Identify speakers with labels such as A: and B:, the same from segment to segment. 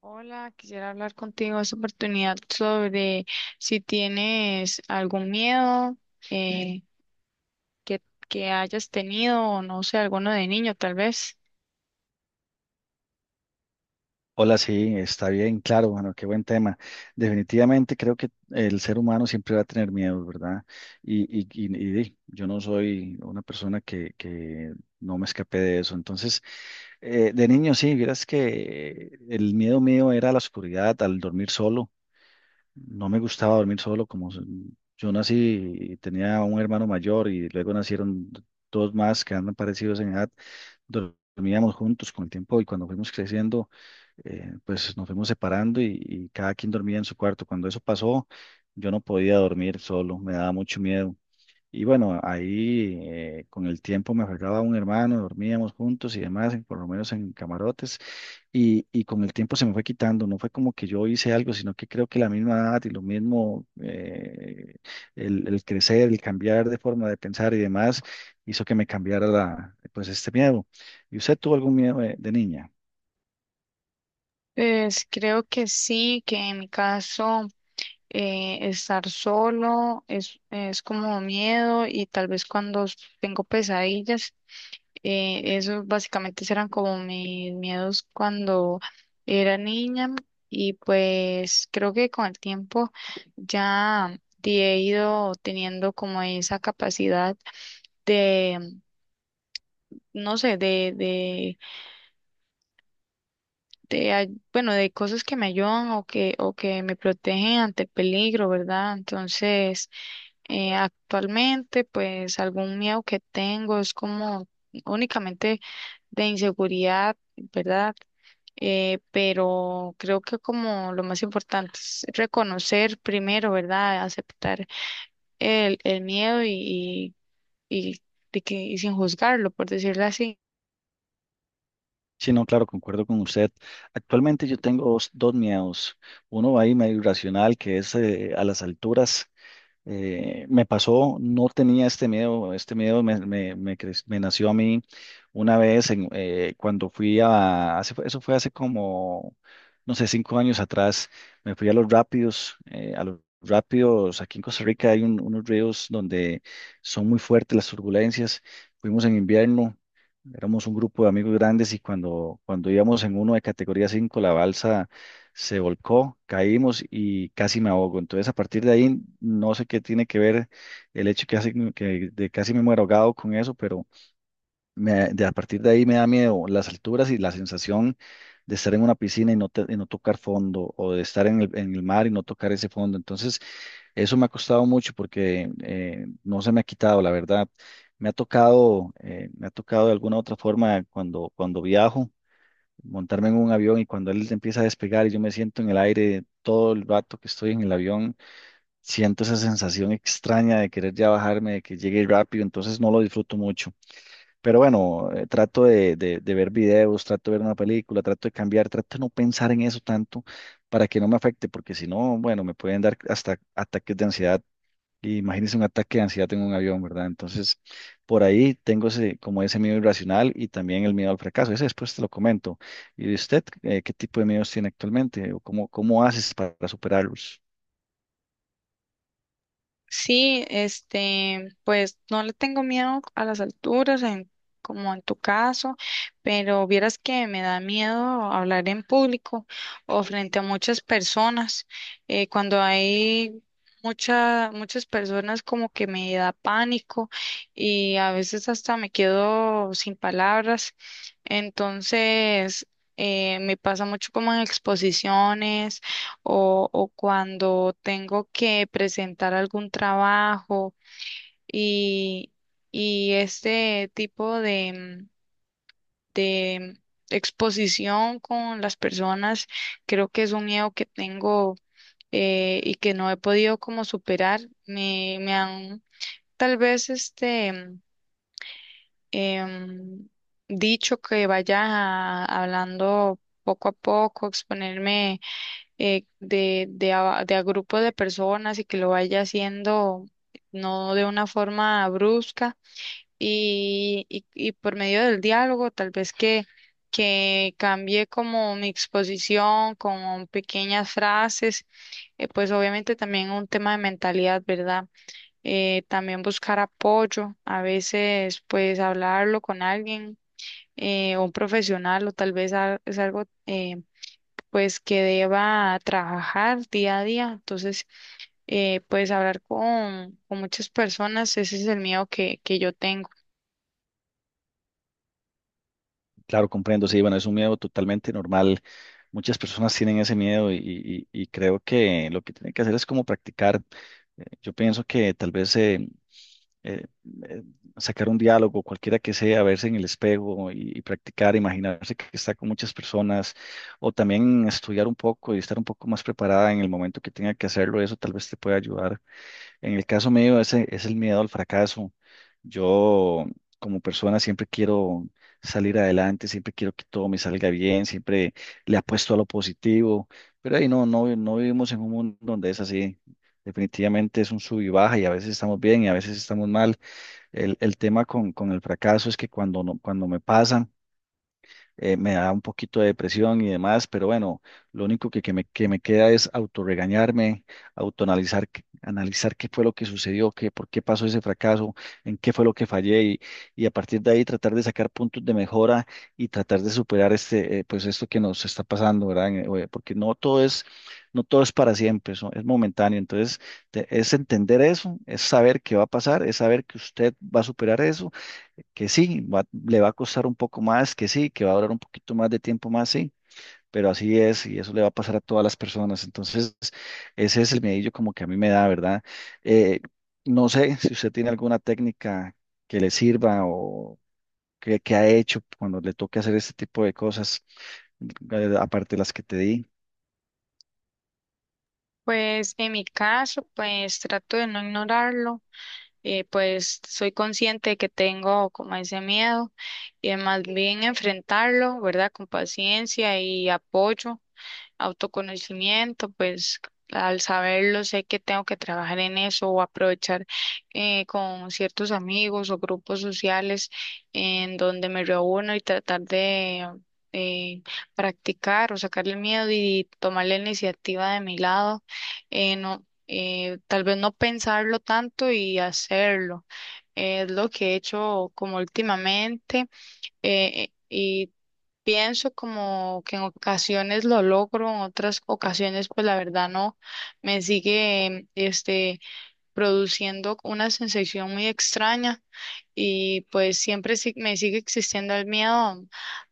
A: Hola, quisiera hablar contigo en esta oportunidad sobre si tienes algún miedo eh, que, que hayas tenido o no sé, alguno de niño tal vez.
B: Hola, sí, está bien, claro, bueno, qué buen tema. Definitivamente creo que el ser humano siempre va a tener miedos, ¿verdad? Y yo no soy una persona que no me escapé de eso. Entonces, de niño sí, vieras que el miedo mío era a la oscuridad, al dormir solo. No me gustaba dormir solo. Yo nací y tenía un hermano mayor y luego nacieron dos más que andan parecidos en edad. Dormíamos juntos con el tiempo y cuando fuimos creciendo, pues nos fuimos separando y cada quien dormía en su cuarto. Cuando eso pasó, yo no podía dormir solo, me daba mucho miedo. Y bueno, ahí con el tiempo me agarraba un hermano, dormíamos juntos y demás, por lo menos en camarotes, y con el tiempo se me fue quitando, no fue como que yo hice algo, sino que creo que la misma edad y lo mismo, el crecer, el cambiar de forma de pensar y demás, hizo que me cambiara pues este miedo. ¿Y usted tuvo algún miedo de niña?
A: Pues creo que sí, que en mi caso estar es como miedo y tal vez cuando tengo pesadillas. Esos básicamente eran como mis miedos cuando era niña y pues creo que con el tiempo ya he ido teniendo como esa capacidad de, no sé, bueno, de cosas que me ayudan o que me protegen ante el peligro, ¿verdad? Entonces, actualmente, pues algún miedo que tengo es como únicamente de inseguridad, ¿verdad? Pero creo que como lo más importante es reconocer primero, ¿verdad? Aceptar el miedo y, y sin juzgarlo, por decirlo.
B: Sí, no, claro, concuerdo con usted. Actualmente yo tengo dos miedos. Uno ahí medio irracional, que es a las alturas. Me pasó, no tenía este miedo me nació a mí una vez cuando eso fue hace como, no sé, 5 años atrás. Me fui a los rápidos, aquí en Costa Rica hay unos ríos donde son muy fuertes las turbulencias. Fuimos en invierno, éramos un grupo de amigos grandes y cuando, íbamos en uno de categoría 5, la balsa se volcó, caímos y casi me ahogo. Entonces, a partir de ahí, no sé qué tiene que ver el hecho que de casi me muero ahogado con eso, pero a partir de ahí me da miedo las alturas y la sensación de estar en una piscina y no, y no tocar fondo, o de estar en el, mar y no tocar ese fondo. Entonces, eso me ha costado mucho porque no se me ha quitado, la verdad. Me ha tocado, de alguna otra forma cuando viajo montarme en un avión, y cuando él empieza a despegar y yo me siento en el aire todo el rato que estoy en el avión, siento esa sensación extraña de querer ya bajarme, de que llegue rápido; entonces no lo disfruto mucho. Pero bueno, trato de ver videos, trato de ver una película, trato de cambiar, trato de no pensar en eso tanto para que no me afecte, porque si no, bueno, me pueden dar hasta ataques de ansiedad. Y imagínese un ataque de ansiedad en un avión, ¿verdad? Entonces, por ahí tengo ese, como ese miedo irracional, y también el miedo al fracaso. Ese después te lo comento. ¿Y de usted, qué tipo de miedos tiene actualmente? ¿O cómo haces para superarlos?
A: Sí, este, pues no le tengo miedo a las alturas, como en tu caso, pero vieras que me da miedo hablar en público o frente a muchas personas. Cuando hay muchas personas como que me da pánico y a veces hasta me quedo sin palabras. Entonces, me pasa mucho como en exposiciones o cuando tengo que presentar algún trabajo y, y este tipo de exposición con las personas, creo que es un miedo que tengo y que no he podido como superar. Me han tal vez em, dicho que vaya a- hablando poco a poco, exponerme de a grupos de personas y que lo vaya haciendo no de una forma brusca y por medio del diálogo, tal vez que cambie como mi exposición con pequeñas frases, pues obviamente también un tema de mentalidad, ¿verdad? También buscar apoyo, a veces pues hablarlo con alguien. Un profesional o tal vez al- es algo pues que deba trabajar día a día. Entonces, pues hablar con muchas personas, ese es el miedo que yo tengo.
B: Claro, comprendo, sí, bueno, es un miedo totalmente normal. Muchas personas tienen ese miedo, y creo que lo que tienen que hacer es como practicar. Yo pienso que tal vez eh, eh, sacar un diálogo, cualquiera que sea, verse en el espejo y practicar, imaginarse que está con muchas personas, o también estudiar un poco y estar un poco más preparada en el momento que tenga que hacerlo. Eso tal vez te puede ayudar. En el caso mío, ese es el miedo al fracaso. Yo, como persona, siempre quiero salir adelante, siempre quiero que todo me salga bien, siempre le apuesto a lo positivo, pero ahí no vivimos en un mundo donde es así. Definitivamente es un sub y baja, y a veces estamos bien y a veces estamos mal. El tema con el fracaso es que cuando, no, cuando me pasan, me da un poquito de depresión y demás, pero bueno, lo único que me queda es autorregañarme, autoanalizar, analizar qué fue lo que sucedió, por qué pasó ese fracaso, en qué fue lo que fallé, y a partir de ahí tratar de sacar puntos de mejora y tratar de superar pues esto que nos está pasando, ¿verdad? Porque no todo es, no todo es para siempre; eso es momentáneo, entonces es entender eso, es saber qué va a pasar, es saber que usted va a superar eso, que sí, le va a costar un poco más, que sí, que va a durar un poquito más de tiempo más, sí, pero así es, y eso le va a pasar a todas las personas. Entonces, ese es el medillo como que a mí me da, ¿verdad? Eh, no sé si usted tiene alguna técnica que le sirva, o que ha hecho cuando le toque hacer este tipo de cosas, aparte de las que te di.
A: Pues en mi caso, pues trato de no ignorarlo, pues soy consciente de que tengo como ese miedo y más bien enfrentarlo, ¿verdad? Con paciencia y apoyo autoconocimiento, pues al saberlo sé que tengo que trabajar en eso o aprovechar con ciertos amigos o grupos sociales en donde me reúno y tratar de eh, practicar o sacarle el miedo y tomar la iniciativa de mi lado. No, Tal vez no pensarlo tanto y hacerlo. Es lo que he hecho como últimamente y pienso como que en ocasiones lo logro, en otras ocasiones pues la verdad no, me sigue produciendo una sensación muy extraña y pues siempre sí- me sigue existiendo el miedo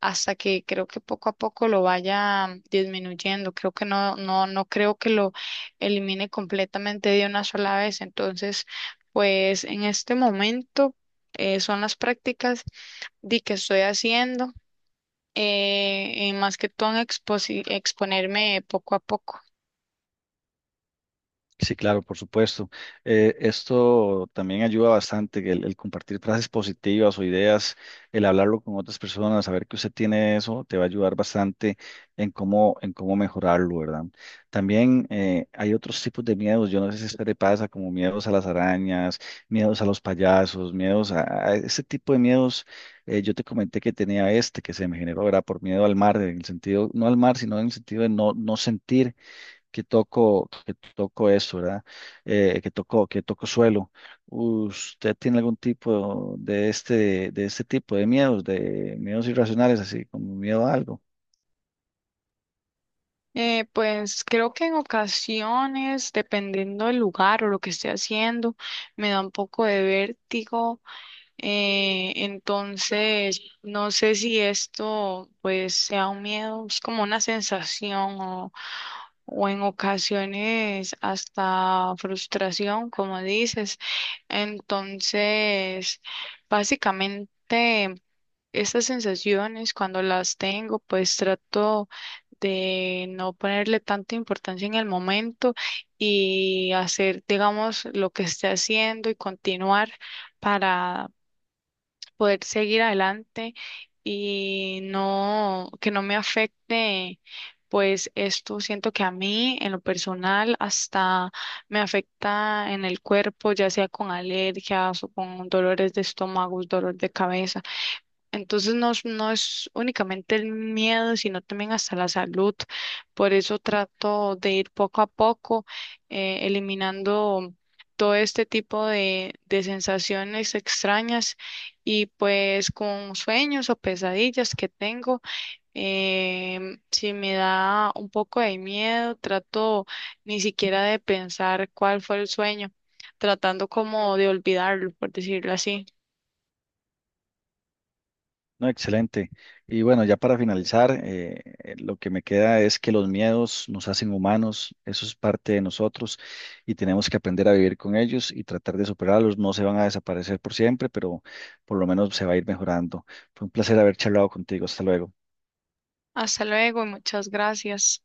A: hasta que creo que poco a poco lo vaya disminuyendo, creo que no creo que lo elimine completamente de una sola vez, entonces pues en este momento son las prácticas de que estoy haciendo y más que todo en exposi- exponerme poco a poco.
B: Sí, claro, por supuesto. Esto también ayuda bastante, que el, compartir frases positivas o ideas, el hablarlo con otras personas, saber que usted tiene eso, te va a ayudar bastante en cómo mejorarlo, ¿verdad? También hay otros tipos de miedos, yo no sé si a usted le pasa, como miedos a las arañas, miedos a los payasos, miedos a ese tipo de miedos. Yo te comenté que tenía este que se me generó, ¿verdad? Por miedo al mar, en el sentido, no al mar, sino en el sentido de no sentir que toco eso, ¿verdad? Que toco, que toco suelo. ¿Usted tiene algún tipo de este tipo de miedos irracionales, así como miedo a algo?
A: Pues creo que en ocasiones, dependiendo del lugar o lo que esté haciendo, me da un poco de vértigo. Entonces, no sé si esto pues sea un miedo, es como una sensación o en ocasiones hasta frustración, como dices. Entonces, básicamente... Estas sensaciones, cuando las tengo, pues trato de no ponerle tanta importancia en el momento y hacer, digamos, lo que esté haciendo y continuar para poder seguir adelante y no, que no me afecte, pues esto siento que a mí, en lo personal, hasta me afecta en el cuerpo, ya sea con alergias o con dolores de estómago, dolor de cabeza. Entonces no, es- no es únicamente el miedo, sino también hasta la salud. Por eso trato de ir poco a poco eliminando todo este tipo de sensaciones extrañas y pues con sueños o pesadillas que tengo, si me da un poco de miedo, trato ni siquiera de pensar cuál fue el sueño, tratando como de olvidarlo, por decirlo así.
B: No, excelente. Y bueno, ya para finalizar, lo que me queda es que los miedos nos hacen humanos, eso es parte de nosotros y tenemos que aprender a vivir con ellos y tratar de superarlos. No se van a desaparecer por siempre, pero por lo menos se va a ir mejorando. Fue un placer haber charlado contigo. Hasta luego.
A: Hasta luego y muchas gracias.